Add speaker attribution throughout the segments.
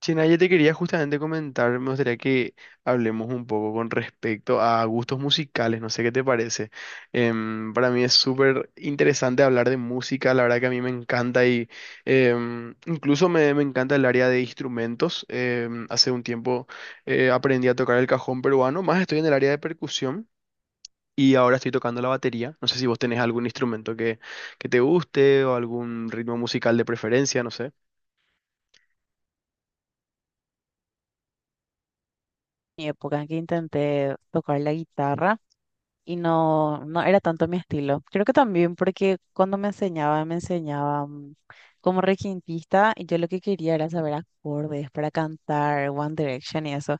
Speaker 1: Chena, yo te quería justamente comentar, me gustaría que hablemos un poco con respecto a gustos musicales, no sé qué te parece. Para mí es súper interesante hablar de música, la verdad que a mí me encanta y incluso me encanta el área de instrumentos. Hace un tiempo aprendí a tocar el cajón peruano, más estoy en el área de percusión y ahora estoy tocando la batería. No sé si vos tenés algún instrumento que te guste o algún ritmo musical de preferencia, no sé.
Speaker 2: Mi época en que intenté tocar la guitarra y no, no era tanto mi estilo. Creo que también porque cuando me enseñaba, como requintista y yo lo que quería era saber acordes para cantar One Direction y eso.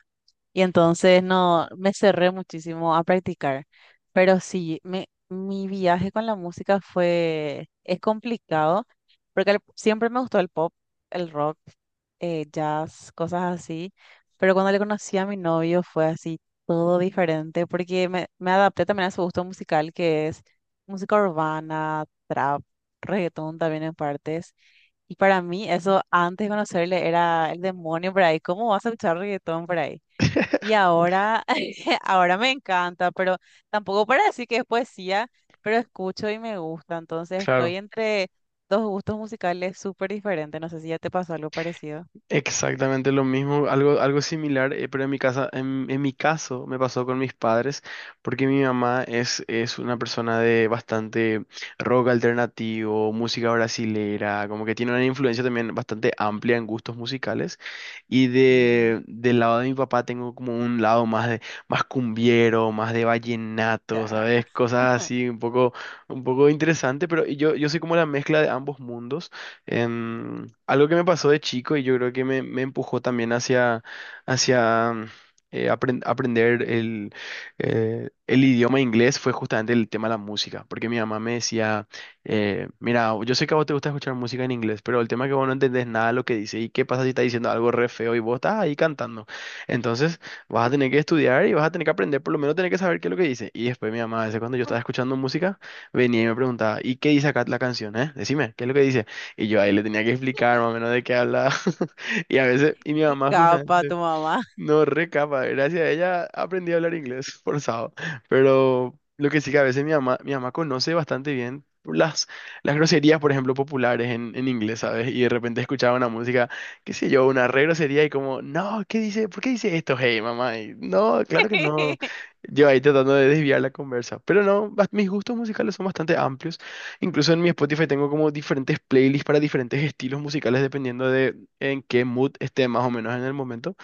Speaker 2: Y entonces no, me cerré muchísimo a practicar. Pero sí, mi viaje con la música es complicado, porque siempre me gustó el pop, el rock, jazz, cosas así. Pero cuando le conocí a mi novio fue así, todo diferente, porque me adapté también a su gusto musical, que es música urbana, trap, reggaetón también en partes. Y para mí eso, antes de conocerle, era el demonio por ahí. ¿Cómo vas a escuchar reggaetón por ahí? Y ahora, ahora me encanta, pero tampoco para decir que es poesía, pero escucho y me gusta. Entonces estoy
Speaker 1: Claro.
Speaker 2: entre dos gustos musicales súper diferentes. No sé si ya te pasó algo parecido.
Speaker 1: Exactamente lo mismo, algo similar, pero en mi casa, en mi caso me pasó con mis padres, porque mi mamá es una persona de bastante rock alternativo, música brasilera, como que tiene una influencia también bastante amplia en gustos musicales, y
Speaker 2: Ujú.
Speaker 1: del lado de mi papá tengo como un lado más de, más cumbiero, más de vallenato, ¿sabes?
Speaker 2: Ya.
Speaker 1: Cosas así, un poco interesante, pero yo soy como la mezcla de ambos mundos. Algo que me pasó de chico y yo creo que me empujó también hacia, hacia aprender el idioma inglés fue justamente el tema de la música, porque mi mamá me decía, mira, yo sé que a vos te gusta escuchar música en inglés, pero el tema es que vos no entendés nada de lo que dice y qué pasa si está diciendo algo re feo y vos estás ahí cantando. Entonces vas a tener que estudiar y vas a tener que aprender, por lo menos tener que saber qué es lo que dice. Y después mi mamá, a veces cuando yo estaba escuchando música, venía y me preguntaba, ¿y qué dice acá la canción, eh? Decime, ¿qué es lo que dice? Y yo ahí le tenía que explicar más o menos de qué hablaba. Y a veces, y mi
Speaker 2: Qué
Speaker 1: mamá
Speaker 2: capa
Speaker 1: justamente,
Speaker 2: tu mamá.
Speaker 1: no, re capa. Gracias a ella aprendí a hablar inglés forzado. Pero lo que sí que a veces mi mamá conoce bastante bien las groserías, por ejemplo, populares en inglés, ¿sabes? Y de repente escuchaba una música, qué sé yo, una re grosería y como, no, ¿qué dice? ¿Por qué dice esto? Hey, mamá. Y, no, claro que no. Yo ahí tratando de desviar la conversa. Pero no, mis gustos musicales son bastante amplios. Incluso en mi Spotify tengo como diferentes playlists para diferentes estilos musicales dependiendo de en qué mood esté más o menos en el momento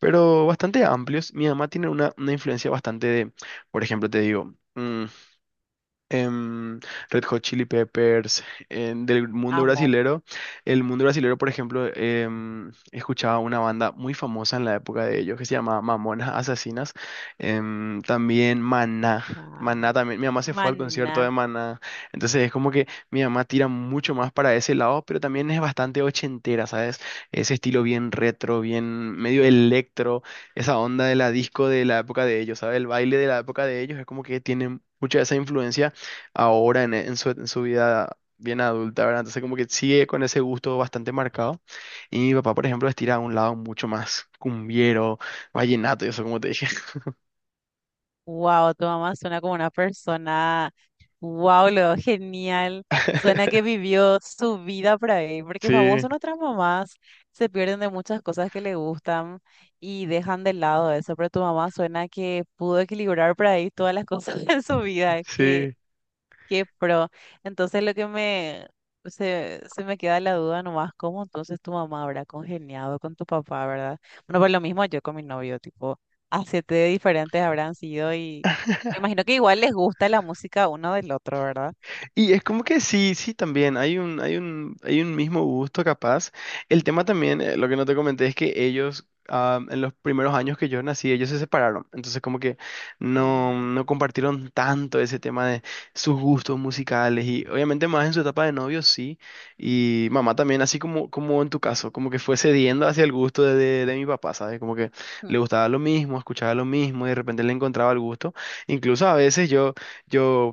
Speaker 1: pero bastante amplios. Mi mamá tiene una influencia bastante de, por ejemplo, te digo, em, Red Hot Chili Peppers, del mundo
Speaker 2: Amo.
Speaker 1: brasilero. El mundo brasilero, por ejemplo, escuchaba una banda muy famosa en la época de ellos que se llamaba Mamonas Asesinas. También Maná.
Speaker 2: Ah,
Speaker 1: Maná también, mi mamá se fue al concierto
Speaker 2: Maná.
Speaker 1: de Maná, entonces es como que mi mamá tira mucho más para ese lado, pero también es bastante ochentera, ¿sabes? Ese estilo bien retro, bien medio electro, esa onda de la disco de la época de ellos, ¿sabes? El baile de la época de ellos es como que tiene mucha de esa influencia ahora en su vida bien adulta, ¿verdad? Entonces como que sigue con ese gusto bastante marcado. Y mi papá, por ejemplo, estira a un lado mucho más cumbiero, vallenato y eso, como te dije.
Speaker 2: Wow, tu mamá suena como una persona. Wow, lo genial. Suena que vivió su vida por ahí, porque
Speaker 1: Sí,
Speaker 2: famoso nuestras mamás se pierden de muchas cosas que le gustan y dejan de lado eso, pero tu mamá suena que pudo equilibrar por ahí todas las cosas en su vida, que
Speaker 1: sí.
Speaker 2: qué pro. Entonces lo que se me queda la duda nomás, ¿cómo entonces tu mamá habrá congeniado con tu papá, verdad? Bueno, pues lo mismo yo con mi novio, tipo, a siete diferentes habrán sido y me imagino que igual les gusta la música uno del otro, ¿verdad?
Speaker 1: Y es como que sí, sí, también hay un mismo gusto capaz. El tema también, lo que no te comenté es que ellos, ah, en los primeros años que yo nací, ellos se separaron. Entonces como que
Speaker 2: Mm.
Speaker 1: no compartieron tanto ese tema de sus gustos musicales y obviamente más en su etapa de novio, sí. Y mamá también, así como, como en tu caso, como que fue cediendo hacia el gusto de mi papá, ¿sabes? Como que le gustaba lo mismo, escuchaba lo mismo y de repente le encontraba el gusto. Incluso a veces yo... Yo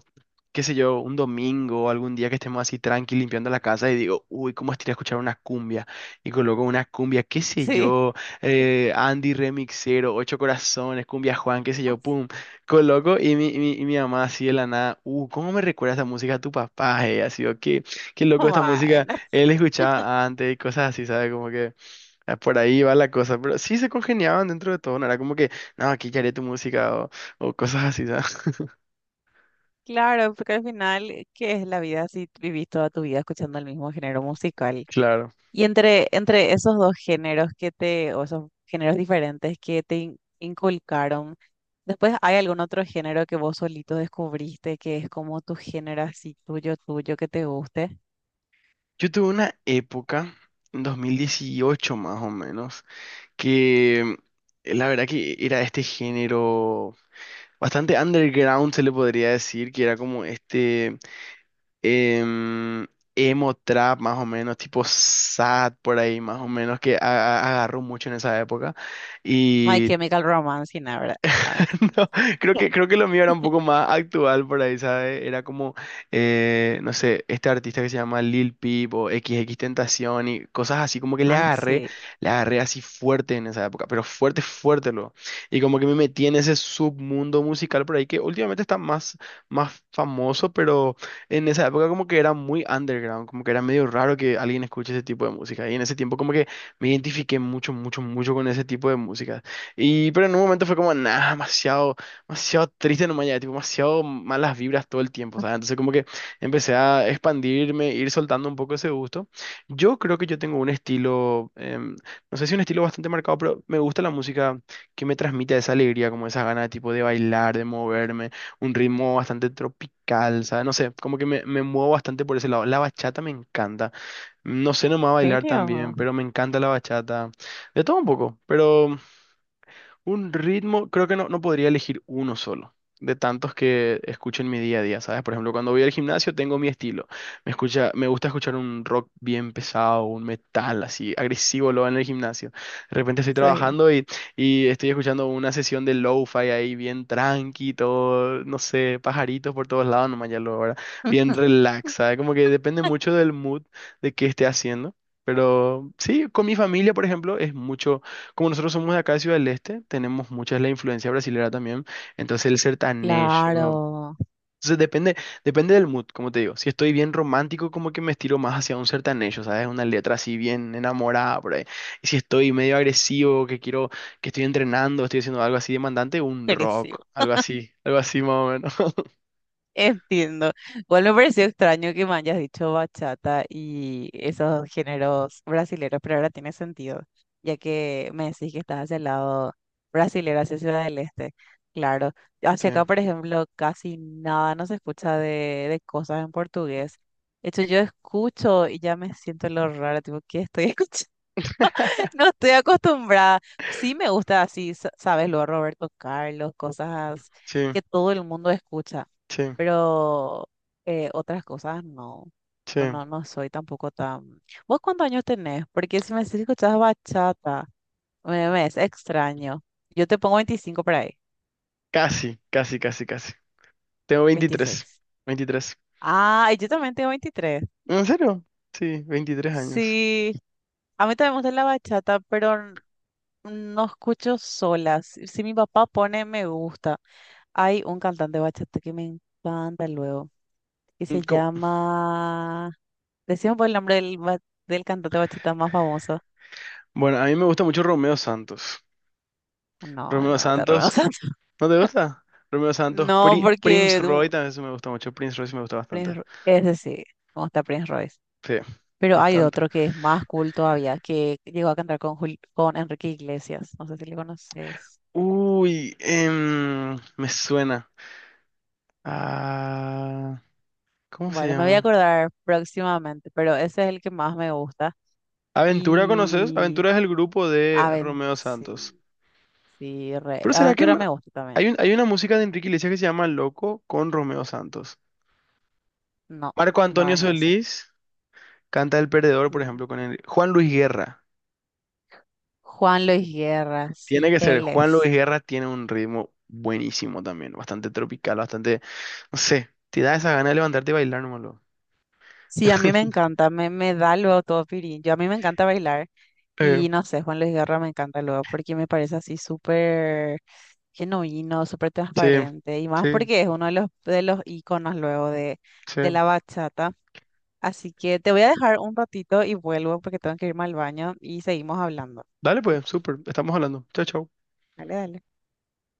Speaker 1: qué sé yo, un domingo, o algún día que estemos así tranqui limpiando la casa y digo, uy, cómo estaría escuchar una cumbia. Y coloco una cumbia, qué sé
Speaker 2: Sí.
Speaker 1: yo, Andy Remixero, Ocho Corazones, Cumbia Juan, qué sé yo, pum. Coloco y mi mamá así de la nada, ¿cómo me recuerda esta música a tu papá? ¿Eh? Así, o qué, qué loco esta música,
Speaker 2: Bueno,
Speaker 1: él escuchaba antes y cosas así, ¿sabes? Como que ah, por ahí va la cosa, pero sí se congeniaban dentro de todo, no era como que, no, aquí ya haré tu música o cosas así, ¿sabes?
Speaker 2: claro, porque al final, ¿qué es la vida si vivís toda tu vida escuchando el mismo género musical?
Speaker 1: Claro.
Speaker 2: Y entre esos dos géneros que te, o esos géneros diferentes que te inculcaron, después hay algún otro género que vos solito descubriste que es como tu género así tuyo, tuyo, que te guste.
Speaker 1: Yo tuve una época, en 2018 más o menos, que la verdad que era este género bastante underground, se le podría decir, que era como este em, emo trap más o menos, tipo sad por ahí más o menos, que agarró mucho en esa época.
Speaker 2: My Chemical Romance, y nada, ¿verdad? Ah,
Speaker 1: No, creo creo que lo mío era un poco más actual por ahí, ¿sabes? Era como, no sé, este artista que se llama Lil Peep o XXXTentacion y cosas así, como que
Speaker 2: ah, sí.
Speaker 1: le agarré así fuerte en esa época, pero fuerte, fuerte luego. Y como que me metí en ese submundo musical por ahí que últimamente está más, más famoso, pero en esa época como que era muy underground, como que era medio raro que alguien escuche ese tipo de música. Y en ese tiempo como que me identifiqué mucho, mucho, mucho con ese tipo de música. Y, pero en un momento fue como, nada, demasiado, demasiado triste nomás ya, tipo, demasiado malas vibras todo el tiempo, ¿sabes? Entonces como que empecé a expandirme, ir soltando un poco ese gusto. Yo creo que yo tengo un estilo, no sé si un estilo bastante marcado, pero me gusta la música que me transmite esa alegría, como esas ganas, tipo, de bailar, de moverme, un ritmo bastante tropical, ¿sabes? No sé, como que me muevo bastante por ese lado. La bachata me encanta. No sé nomás
Speaker 2: ¿En
Speaker 1: bailar tan bien,
Speaker 2: serio?
Speaker 1: pero me encanta la bachata. De todo un poco, pero... Un ritmo, creo que no, no podría elegir uno solo, de tantos que escucho en mi día a día, ¿sabes? Por ejemplo, cuando voy al gimnasio tengo mi estilo. Me gusta escuchar un rock bien pesado, un metal así, agresivo lo en el gimnasio. De repente estoy
Speaker 2: Sí.
Speaker 1: trabajando y estoy escuchando una sesión de lo-fi ahí bien tranqui, todo, no sé, pajaritos por todos lados, nomás ya lo ahora. Bien relax, ¿sabes? Como que depende mucho del mood de qué esté haciendo. Pero sí, con mi familia, por ejemplo, es mucho como nosotros somos de acá de Ciudad del Este, tenemos mucha la influencia brasilera también. Entonces el sertanejo.
Speaker 2: Claro.
Speaker 1: Entonces depende, depende del mood, como te digo. Si estoy bien romántico, como que me estiro más hacia un sertanejo, ¿sabes? Una letra así bien enamorada por ahí. Y si estoy medio agresivo, que quiero, que estoy entrenando, estoy haciendo algo así demandante, un
Speaker 2: Crecí
Speaker 1: rock, algo así más o menos.
Speaker 2: Entiendo. Igual me pareció extraño que me hayas dicho bachata y esos géneros brasileros, pero ahora tiene sentido, ya que me decís que estás hacia el lado brasilero, hacia Ciudad del Este. Claro. Hacia acá, por ejemplo, casi nada no se escucha de cosas en portugués. De hecho, yo escucho y ya me siento lo raro, tipo, ¿qué estoy escuchando? No estoy acostumbrada. Sí me gusta así, sabes, lo Roberto Carlos, cosas
Speaker 1: Sí, sí,
Speaker 2: que todo el mundo escucha,
Speaker 1: sí,
Speaker 2: pero otras cosas no.
Speaker 1: sí.
Speaker 2: Bueno, no soy tampoco tan... ¿Vos cuántos años tenés? Porque si me decís que escuchás bachata, me es extraño. Yo te pongo 25 por ahí,
Speaker 1: Casi, casi, casi, casi. Tengo 23
Speaker 2: 26.
Speaker 1: 23
Speaker 2: Ah, y yo también tengo 23.
Speaker 1: ¿En serio? Sí, 23 años.
Speaker 2: Sí, a mí también me gusta la bachata, pero no escucho solas. Si mi papá pone me gusta, hay un cantante bachata que me encanta luego, que se llama... Decimos por el nombre del, del cantante bachata más famoso.
Speaker 1: Bueno, a mí me gusta mucho Romeo Santos.
Speaker 2: No,
Speaker 1: Romeo
Speaker 2: no, te
Speaker 1: Santos,
Speaker 2: arruinas.
Speaker 1: ¿no te gusta? Romeo Santos,
Speaker 2: No, porque
Speaker 1: Prince Roy también sí me gusta mucho. Prince Roy sí me gusta
Speaker 2: Prince,
Speaker 1: bastante.
Speaker 2: Ese sí, como está Prince Royce.
Speaker 1: Sí,
Speaker 2: Pero hay
Speaker 1: bastante.
Speaker 2: otro que es más cool todavía, que llegó a cantar con, con Enrique Iglesias. No sé si le conoces.
Speaker 1: Uy, me suena. Ah, ¿cómo se
Speaker 2: Bueno, me voy a
Speaker 1: llama?
Speaker 2: acordar próximamente, pero ese es el que más me gusta.
Speaker 1: Aventura, ¿conoces?
Speaker 2: Y
Speaker 1: Aventura es el grupo de Romeo Santos.
Speaker 2: Sí,
Speaker 1: Pero ¿será que
Speaker 2: Aventura
Speaker 1: no?
Speaker 2: me gusta también.
Speaker 1: Hay una música de Enrique Iglesias que se llama Loco con Romeo Santos.
Speaker 2: No,
Speaker 1: Marco
Speaker 2: no
Speaker 1: Antonio
Speaker 2: es ese.
Speaker 1: Solís canta El Perdedor, por
Speaker 2: Mm.
Speaker 1: ejemplo, Juan Luis Guerra.
Speaker 2: Juan Luis Guerra, sí,
Speaker 1: Tiene que ser.
Speaker 2: él
Speaker 1: Juan Luis
Speaker 2: es.
Speaker 1: Guerra tiene un ritmo buenísimo también, bastante tropical, bastante, no sé, te da esa gana de levantarte y bailar nomás. Luego.
Speaker 2: Sí, a mí me encanta, me da luego todo pirín. Yo a mí me encanta bailar
Speaker 1: Eh,
Speaker 2: y no sé, Juan Luis Guerra me encanta luego porque me parece así súper genuino, súper
Speaker 1: sí,
Speaker 2: transparente y más
Speaker 1: sí,
Speaker 2: porque es uno de de los íconos luego
Speaker 1: sí.
Speaker 2: de la bachata. Así que te voy a dejar un ratito y vuelvo porque tengo que irme al baño y seguimos hablando.
Speaker 1: Dale
Speaker 2: Sí,
Speaker 1: pues,
Speaker 2: pues,
Speaker 1: súper, estamos hablando. Chao, chao.
Speaker 2: dale, dale.